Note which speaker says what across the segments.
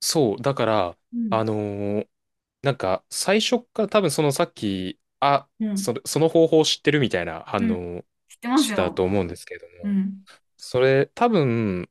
Speaker 1: そう、だから、
Speaker 2: うん、
Speaker 1: あのーなんか、最初っから多分そのさっき、あ、
Speaker 2: うん、
Speaker 1: それ、その方法を知ってるみたいな
Speaker 2: う
Speaker 1: 反
Speaker 2: ん。
Speaker 1: 応を
Speaker 2: 知ってま
Speaker 1: し
Speaker 2: す
Speaker 1: てた
Speaker 2: よ。
Speaker 1: と思うんですけれど
Speaker 2: う
Speaker 1: も、
Speaker 2: ん、
Speaker 1: それ、多分、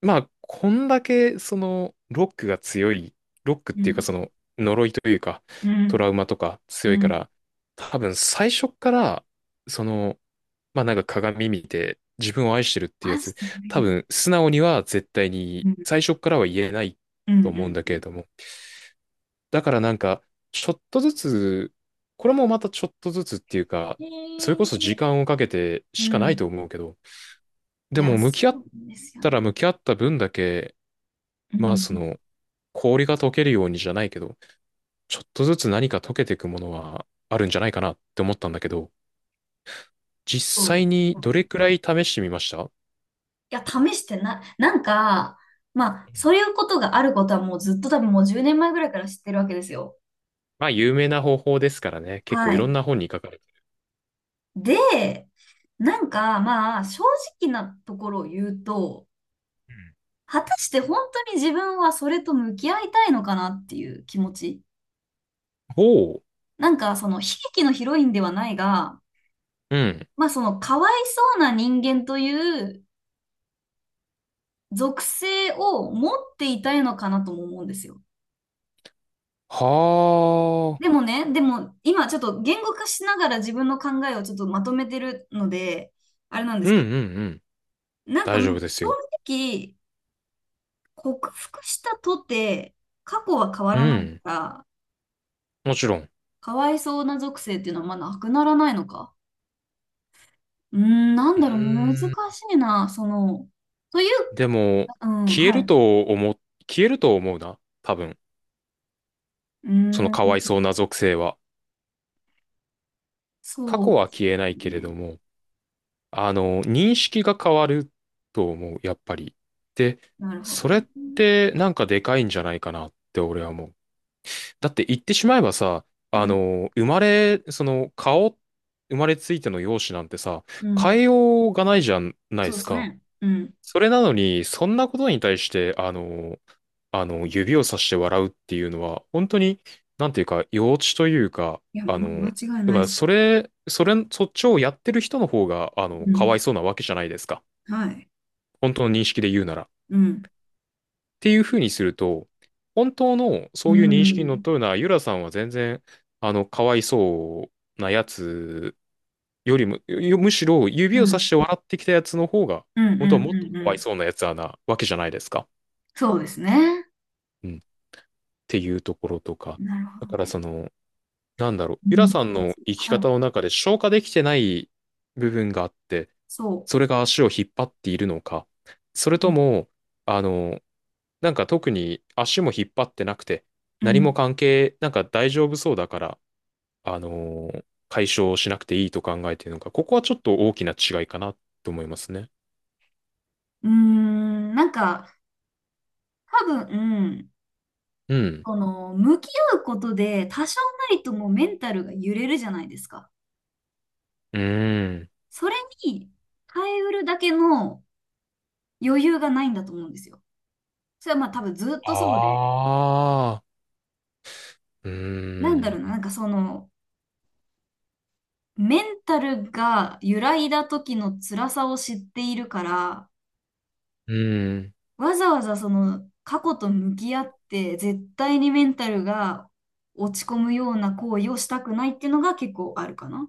Speaker 1: まあ、こんだけ、その、ロックが強い、ロックっ
Speaker 2: う
Speaker 1: ていうか、
Speaker 2: ん、
Speaker 1: その、呪いというか、
Speaker 2: う
Speaker 1: ト
Speaker 2: ん、
Speaker 1: ラウマとか
Speaker 2: う
Speaker 1: 強いか
Speaker 2: ん。
Speaker 1: ら、多分最初っから、その、まあなんか鏡見て、自分を愛してるっていうや
Speaker 2: マジ
Speaker 1: つ、
Speaker 2: で無理
Speaker 1: 多
Speaker 2: です。
Speaker 1: 分、素直には絶対
Speaker 2: う
Speaker 1: に、
Speaker 2: ん、
Speaker 1: 最初っからは言えない
Speaker 2: うん、
Speaker 1: と
Speaker 2: う
Speaker 1: 思うん
Speaker 2: ん、
Speaker 1: だ
Speaker 2: う
Speaker 1: けれ
Speaker 2: ん。
Speaker 1: ども、だからなんか、ちょっとずつ、これもまたちょっとずつっていうか、
Speaker 2: へ
Speaker 1: それこそ時
Speaker 2: え。
Speaker 1: 間をかけて
Speaker 2: う
Speaker 1: しかないと
Speaker 2: ん。
Speaker 1: 思うけど、
Speaker 2: い
Speaker 1: で
Speaker 2: や、
Speaker 1: も向
Speaker 2: そ
Speaker 1: き合っ
Speaker 2: うなんですよ
Speaker 1: たら
Speaker 2: ね。
Speaker 1: 向き合った分だけ、
Speaker 2: う
Speaker 1: まあそ
Speaker 2: ん、
Speaker 1: の、氷が溶けるようにじゃないけど、ちょっとずつ何か溶けていくものはあるんじゃないかなって思ったんだけど、実
Speaker 2: そう
Speaker 1: 際
Speaker 2: です
Speaker 1: に
Speaker 2: ね。
Speaker 1: どれ
Speaker 2: う
Speaker 1: くらい試してみました？う
Speaker 2: いや、試してな、なんか、まあ、
Speaker 1: ん。
Speaker 2: そういうことがあることはもうずっと多分もう10年前ぐらいから知ってるわけですよ。
Speaker 1: まあ有名な方法ですからね、結構
Speaker 2: は
Speaker 1: いろん
Speaker 2: い。
Speaker 1: な本に書かれてる。
Speaker 2: で、なんか、まあ、正直なところを言うと、
Speaker 1: うん。
Speaker 2: 果たして本当に自分はそれと向き合いたいのかなっていう気持ち。
Speaker 1: おう、
Speaker 2: なんかその悲劇のヒロインではないが、
Speaker 1: うん。
Speaker 2: まあそのかわいそうな人間という属性を持っていたいのかなとも思うんですよ。
Speaker 1: は
Speaker 2: で
Speaker 1: あ、
Speaker 2: もね、でも今ちょっと言語化しながら自分の考えをちょっとまとめてるので、あれなんで
Speaker 1: うん
Speaker 2: す
Speaker 1: う
Speaker 2: け
Speaker 1: んうん。
Speaker 2: ど、なんか
Speaker 1: 大
Speaker 2: ま
Speaker 1: 丈
Speaker 2: あ
Speaker 1: 夫です
Speaker 2: 正
Speaker 1: よ。
Speaker 2: 直克服したとて過去は変わ
Speaker 1: う
Speaker 2: らない
Speaker 1: ん。
Speaker 2: から、
Speaker 1: もちろん。
Speaker 2: かわいそうな属性っていうのはまあなくならないのか。うーん、なん
Speaker 1: う
Speaker 2: だろう、難し
Speaker 1: ーん。
Speaker 2: いな、その、という、
Speaker 1: でも、
Speaker 2: うん、
Speaker 1: 消え
Speaker 2: はい。
Speaker 1: る
Speaker 2: う
Speaker 1: と思う、消えると思うな。多分。
Speaker 2: ー
Speaker 1: そのかわい
Speaker 2: ん。
Speaker 1: そうな属性は。過
Speaker 2: そう
Speaker 1: 去
Speaker 2: で
Speaker 1: は
Speaker 2: す
Speaker 1: 消えないけれ
Speaker 2: ね。
Speaker 1: ども、あの、認識が変わると思う、やっぱり。で、
Speaker 2: なるほど
Speaker 1: それ
Speaker 2: ね。
Speaker 1: ってなんかでかいんじゃないかなって俺は思う。だって言ってしまえばさ、
Speaker 2: う
Speaker 1: あ
Speaker 2: ん、
Speaker 1: の、生まれ、その顔、生まれついての容姿なんてさ、
Speaker 2: うん。
Speaker 1: 変えようがないじゃないで
Speaker 2: そうで
Speaker 1: す
Speaker 2: す
Speaker 1: か。
Speaker 2: ね。うん。
Speaker 1: それなのに、そんなことに対して、あの、指をさして笑うっていうのは、本当に、なんていうか、幼稚というか、
Speaker 2: いや、
Speaker 1: あ
Speaker 2: もう間
Speaker 1: の、
Speaker 2: 違い
Speaker 1: だ
Speaker 2: な
Speaker 1: か
Speaker 2: いで
Speaker 1: ら、
Speaker 2: す。
Speaker 1: そっちをやってる人の方が、あの、
Speaker 2: う
Speaker 1: かわ
Speaker 2: ん。
Speaker 1: いそうなわけじゃないですか。
Speaker 2: はい。
Speaker 1: 本当の認識で言うなら。っ
Speaker 2: うん。
Speaker 1: ていうふうにすると、本当の
Speaker 2: う
Speaker 1: そういう
Speaker 2: ん。う
Speaker 1: 認識にのっ
Speaker 2: ん。
Speaker 1: とるのは、ゆらさんは全然、あの、かわいそうなやつよりも、むしろ
Speaker 2: う
Speaker 1: 指をさ
Speaker 2: ん。
Speaker 1: して笑ってきたやつの方が、
Speaker 2: うん。う
Speaker 1: 本当はもっとか
Speaker 2: んう
Speaker 1: わい
Speaker 2: ん。
Speaker 1: そうなやつはなわけじゃないですか。
Speaker 2: そうですね。
Speaker 1: うん。っていうところとか。
Speaker 2: なるほ
Speaker 1: だ
Speaker 2: ど
Speaker 1: から
Speaker 2: ね。
Speaker 1: その、なんだろう、ゆ
Speaker 2: う
Speaker 1: ら
Speaker 2: ん。
Speaker 1: さんの生き
Speaker 2: はい。
Speaker 1: 方の中で消化できてない部分があって、
Speaker 2: そ
Speaker 1: それが足を引っ張っているのか、それ
Speaker 2: う。う
Speaker 1: と
Speaker 2: ん。
Speaker 1: も、あの、なんか特に足も引っ張ってなくて、
Speaker 2: う
Speaker 1: 何も
Speaker 2: ん。
Speaker 1: 関係、なんか大丈夫そうだから、あの、解消しなくていいと考えているのか、ここはちょっと大きな違いかなと思いますね。
Speaker 2: うーんなんか、多分、
Speaker 1: うん。
Speaker 2: この、向き合うことで、多少なりともメンタルが揺れるじゃないですか。
Speaker 1: うーん。
Speaker 2: それに、耐えうるだけの余裕がないんだと思うんですよ。それはまあ多分ずっとそうで、
Speaker 1: ああ。う
Speaker 2: なんだ
Speaker 1: ー
Speaker 2: ろうな、な
Speaker 1: ん。
Speaker 2: んかその、メンタルが揺らいだ時の辛さを知っているから、
Speaker 1: うーん。
Speaker 2: わざわざその過去と向き合って、絶対にメンタルが落ち込むような行為をしたくないっていうのが結構あるかな。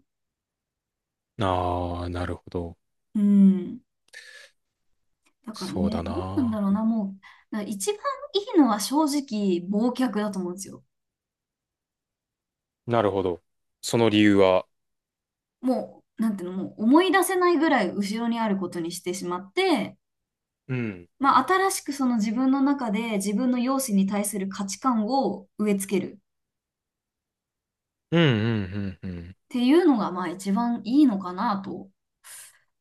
Speaker 1: ああ、なるほど。
Speaker 2: うん。だから
Speaker 1: そう
Speaker 2: ね、
Speaker 1: だ
Speaker 2: どうなんだ
Speaker 1: な。
Speaker 2: ろうな、もう、だから一番いいのは正直、忘却だと思うんですよ。
Speaker 1: なるほど。その理由は？
Speaker 2: もう、なんていうの、もう思い出せないぐらい後ろにあることにしてしまって、
Speaker 1: うん。
Speaker 2: まあ、新しくその自分の中で自分の容姿に対する価値観を植え付けるっ
Speaker 1: うんうんうんうん。
Speaker 2: ていうのがまあ一番いいのかなと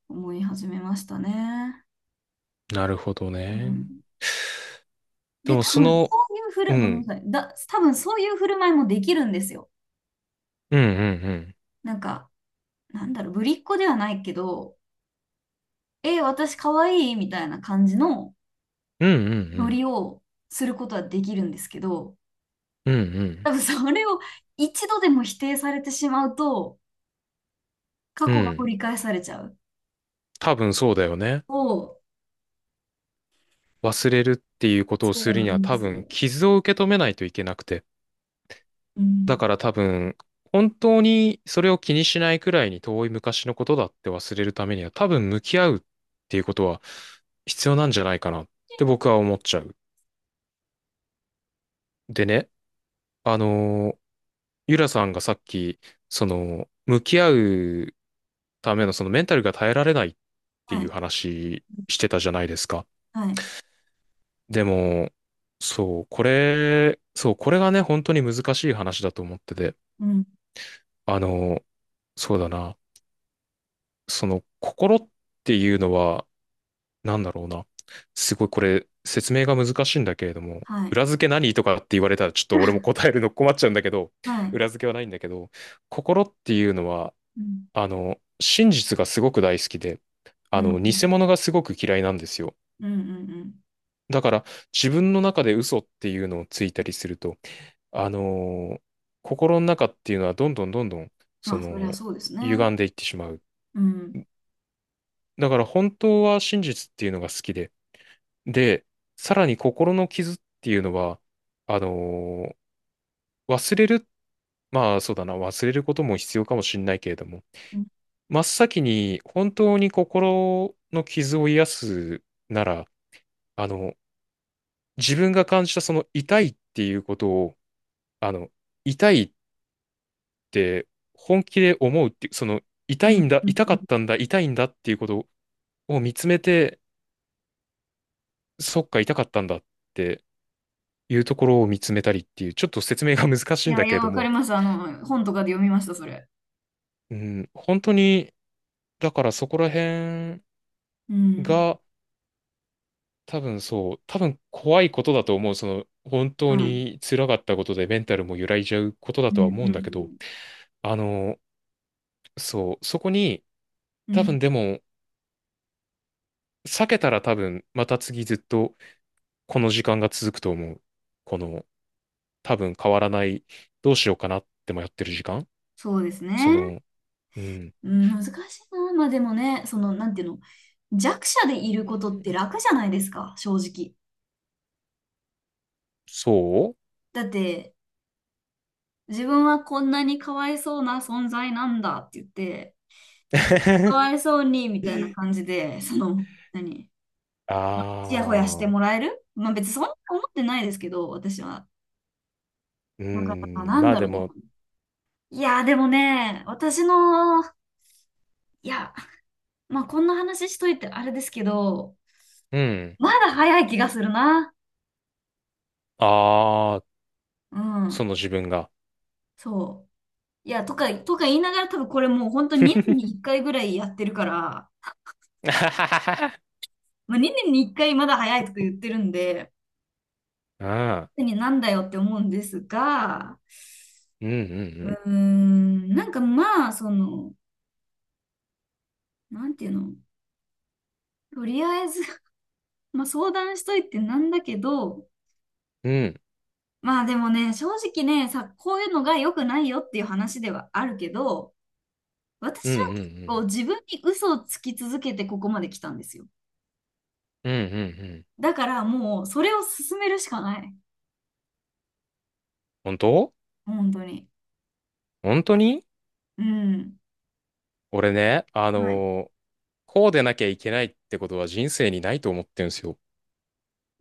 Speaker 2: 思い始めましたね。
Speaker 1: なるほど
Speaker 2: う
Speaker 1: ね。
Speaker 2: ん、
Speaker 1: で
Speaker 2: で、
Speaker 1: も
Speaker 2: 多
Speaker 1: そ
Speaker 2: 分
Speaker 1: の、
Speaker 2: そういうふ
Speaker 1: う
Speaker 2: る、ごめんな
Speaker 1: ん。
Speaker 2: さい。だ、多分そういう振る舞いもできるんですよ。
Speaker 1: うんうんうん。
Speaker 2: なんか、なんだろう、ぶりっ子ではないけど、え、私可愛いいみたいな感じの
Speaker 1: うんうんう
Speaker 2: ノ
Speaker 1: ん。
Speaker 2: リをすることはできるんですけど、
Speaker 1: うんう
Speaker 2: 多
Speaker 1: ん。
Speaker 2: 分それを一度でも否定されてしまうと、過
Speaker 1: う
Speaker 2: 去が
Speaker 1: ん。
Speaker 2: 掘り返されちゃう。
Speaker 1: 多分そうだよね。
Speaker 2: を
Speaker 1: 忘れるっていうことを
Speaker 2: そ
Speaker 1: す
Speaker 2: う
Speaker 1: る
Speaker 2: な
Speaker 1: には
Speaker 2: んで
Speaker 1: 多
Speaker 2: すよ。
Speaker 1: 分傷を受け止めないといけなくて。
Speaker 2: う
Speaker 1: だ
Speaker 2: ん。
Speaker 1: から多分、本当にそれを気にしないくらいに遠い昔のことだって忘れるためには多分向き合うっていうことは必要なんじゃないかなって僕は思っちゃう。でね、あのー、ゆらさんがさっき、その、向き合うためのそのメンタルが耐えられないって
Speaker 2: は
Speaker 1: いう
Speaker 2: い。
Speaker 1: 話してたじゃないですか。
Speaker 2: はい。
Speaker 1: でも、そう、これ、そう、これがね、本当に難しい話だと思ってて、
Speaker 2: うん。
Speaker 1: あのそうだな、その、心っていうのは、なんだろうな、すごいこれ、説明が難しいんだけれども、
Speaker 2: はい。
Speaker 1: 裏付け何とかって言われたら、ちょっと俺も 答えるの困っちゃうんだけど、
Speaker 2: はい。
Speaker 1: 裏付けはないんだけど、心っていうのは、
Speaker 2: うん。
Speaker 1: あの、真実がすごく大好きで、
Speaker 2: う
Speaker 1: あ
Speaker 2: ん。
Speaker 1: の、
Speaker 2: う
Speaker 1: 偽
Speaker 2: ん。
Speaker 1: 物がすごく嫌いなんですよ。
Speaker 2: うん。うんうん
Speaker 1: だから、自分の中で嘘っていうのをついたりすると、あのー心の中っていうのはどんどんどんどん、
Speaker 2: ま
Speaker 1: そ
Speaker 2: あ、そりゃ
Speaker 1: の、
Speaker 2: そうですね。
Speaker 1: 歪んでいってしまう。
Speaker 2: うん。
Speaker 1: だから、本当は真実っていうのが好きで、で、さらに心の傷っていうのは、あのー忘れる、まあ、そうだな、忘れることも必要かもしれないけれども、
Speaker 2: うん。
Speaker 1: 真っ先に本当に心の傷を癒すなら、あの、自分が感じたその痛いっていうことを、あの、痛いって本気で思うっていう、その
Speaker 2: う
Speaker 1: 痛い
Speaker 2: ん。
Speaker 1: んだ、
Speaker 2: うん
Speaker 1: 痛
Speaker 2: う
Speaker 1: か
Speaker 2: ん
Speaker 1: ったんだ、痛いんだっていうことを見つめて、そっか、痛かったんだっていうところを見つめたりっていう、ちょっと説明が難し
Speaker 2: い
Speaker 1: いん
Speaker 2: や、
Speaker 1: だ
Speaker 2: い
Speaker 1: け
Speaker 2: や、
Speaker 1: れど
Speaker 2: わかり
Speaker 1: も、
Speaker 2: ます。あの、本とかで読みました、それ。
Speaker 1: うん、本当に、だからそこら辺
Speaker 2: うん。
Speaker 1: が、多分そう、多分怖いことだと思う。その、本当
Speaker 2: はい。
Speaker 1: に辛かったことでメンタルも揺らいじゃうことだ
Speaker 2: う
Speaker 1: と
Speaker 2: ん。
Speaker 1: は
Speaker 2: う
Speaker 1: 思うんだけど、
Speaker 2: ん。
Speaker 1: あの、そう、そこに、
Speaker 2: うん。う
Speaker 1: 多
Speaker 2: ん
Speaker 1: 分でも、避けたら多分、また次ずっとこの時間が続くと思う。この、多分変わらない、どうしようかなってもやってる時間。
Speaker 2: そうですね。
Speaker 1: その、うん、
Speaker 2: うん、難しいな。まあ、でもね、その、なんていうの、弱者でいる
Speaker 1: う
Speaker 2: ことって
Speaker 1: ん。
Speaker 2: 楽じゃないですか、正直。
Speaker 1: そ
Speaker 2: だって、自分はこんなにかわいそうな存在なんだって言って、か
Speaker 1: う。
Speaker 2: わいそうに、みたいな感じ で、その、何、
Speaker 1: あ
Speaker 2: ちやほやして
Speaker 1: あ、
Speaker 2: もらえるまあ別にそんな思ってないですけど、私は。
Speaker 1: う
Speaker 2: なんか、
Speaker 1: ん、
Speaker 2: なん
Speaker 1: まあ
Speaker 2: だ
Speaker 1: で
Speaker 2: ろう
Speaker 1: も、
Speaker 2: な。いやー、でもね、私の、いや、まあこんな話しといてあれですけど、
Speaker 1: うん、
Speaker 2: まだ早い気がするな。
Speaker 1: ああ、
Speaker 2: う
Speaker 1: そ
Speaker 2: ん、
Speaker 1: の自分が。
Speaker 2: そう。いや、とか、とか言いながら多分これもう本当に2年に1回ぐらいやってるから、
Speaker 1: あ
Speaker 2: まあ、2年に1回まだ早いとか言ってるんで、
Speaker 1: あ、
Speaker 2: 何なんだよって思うんですが、
Speaker 1: うん、う
Speaker 2: う
Speaker 1: ん、
Speaker 2: ーん、なんかまあ、その、なんていうのとりあえず まあ相談しといてなんだけど、
Speaker 1: うん、うん、
Speaker 2: まあでもね、正直ね、さ、こういうのが良くないよっていう話ではあるけど、
Speaker 1: う
Speaker 2: 私
Speaker 1: ん、う
Speaker 2: は結構
Speaker 1: ん、
Speaker 2: 自分に嘘をつき続けてここまで来たんですよ。
Speaker 1: うん、うん、うん、うん、
Speaker 2: だからもうそれを進めるしかない。
Speaker 1: 本当。
Speaker 2: 本当に。
Speaker 1: 本当に
Speaker 2: うん。
Speaker 1: 俺ね、
Speaker 2: はい。
Speaker 1: こうでなきゃいけないってことは人生にないと思ってるんですよ。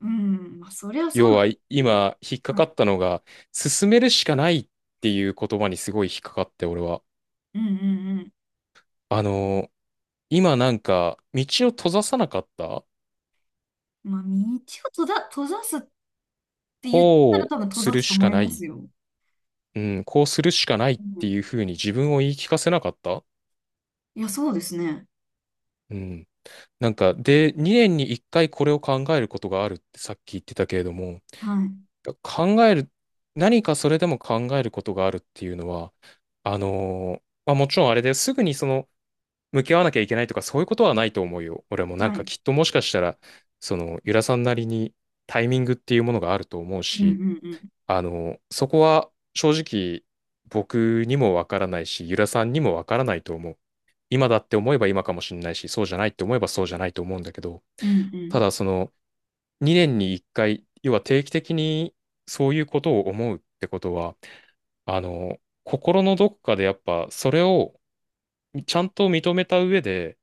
Speaker 2: うん。まあそりゃそう
Speaker 1: 要
Speaker 2: なん
Speaker 1: は
Speaker 2: ですけど。
Speaker 1: 今引っか
Speaker 2: はい。
Speaker 1: かったのが、進めるしかないっていう言葉にすごい引っかかって俺は。
Speaker 2: うんうん
Speaker 1: あのー今なんか道を閉ざさなかった。
Speaker 2: うん。まあ道を閉ざ、閉ざすって言ったら
Speaker 1: こ
Speaker 2: 多分
Speaker 1: う
Speaker 2: 閉
Speaker 1: す
Speaker 2: ざ
Speaker 1: る
Speaker 2: すと
Speaker 1: し
Speaker 2: 思
Speaker 1: か
Speaker 2: い
Speaker 1: な
Speaker 2: ます
Speaker 1: い。
Speaker 2: よ。
Speaker 1: うん、こうするしかないっ
Speaker 2: う
Speaker 1: て
Speaker 2: ん。
Speaker 1: いうふうに自分を言い聞かせなかった。
Speaker 2: いや、そうですね。
Speaker 1: うん。なんか、で、2年に1回これを考えることがあるってさっき言ってたけれども、
Speaker 2: はい。
Speaker 1: 考える、何かそれでも考えることがあるっていうのは、まあ、もちろんあれですぐにその向き合わなきゃいけないとかそういうことはないと思うよ。俺もなん
Speaker 2: は
Speaker 1: か
Speaker 2: い。
Speaker 1: きっともしかしたら、そのゆらさんなりにタイミングっていうものがあると思う
Speaker 2: うんう
Speaker 1: し、
Speaker 2: んうん。
Speaker 1: そこは正直僕にもわからないし、ゆらさんにもわからないと思う。今だって思えば今かもしれないし、そうじゃないって思えばそうじゃないと思うんだけど、
Speaker 2: うんう
Speaker 1: た
Speaker 2: ん。
Speaker 1: だその、2年に1回、要は定期的にそういうことを思うってことは、あの、心のどこかでやっぱそれをちゃんと認めた上で、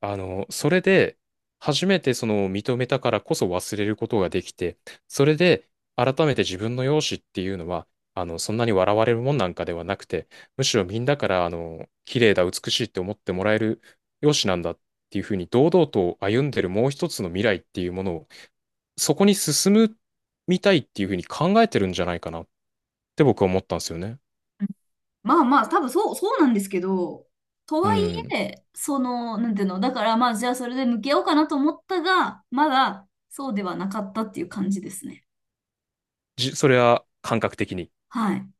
Speaker 1: あの、それで初めてその認めたからこそ忘れることができて、それで改めて自分の容姿っていうのは、あの、そんなに笑われるもんなんかではなくて、むしろみんなから、あの、綺麗だ、美しいって思ってもらえる容姿なんだっていうふうに堂々と歩んでるもう一つの未来っていうものをそこに進むみたいっていうふうに考えてるんじゃないかなって僕は思ったんですよね。
Speaker 2: まあまあ、多分そう、そうなんですけど、と
Speaker 1: う
Speaker 2: はい
Speaker 1: ん。
Speaker 2: え、その、なんていうの、だからまあ、じゃあそれで向き合おうかなと思ったが、まだそうではなかったっていう感じですね。
Speaker 1: それは感覚的に？
Speaker 2: はい。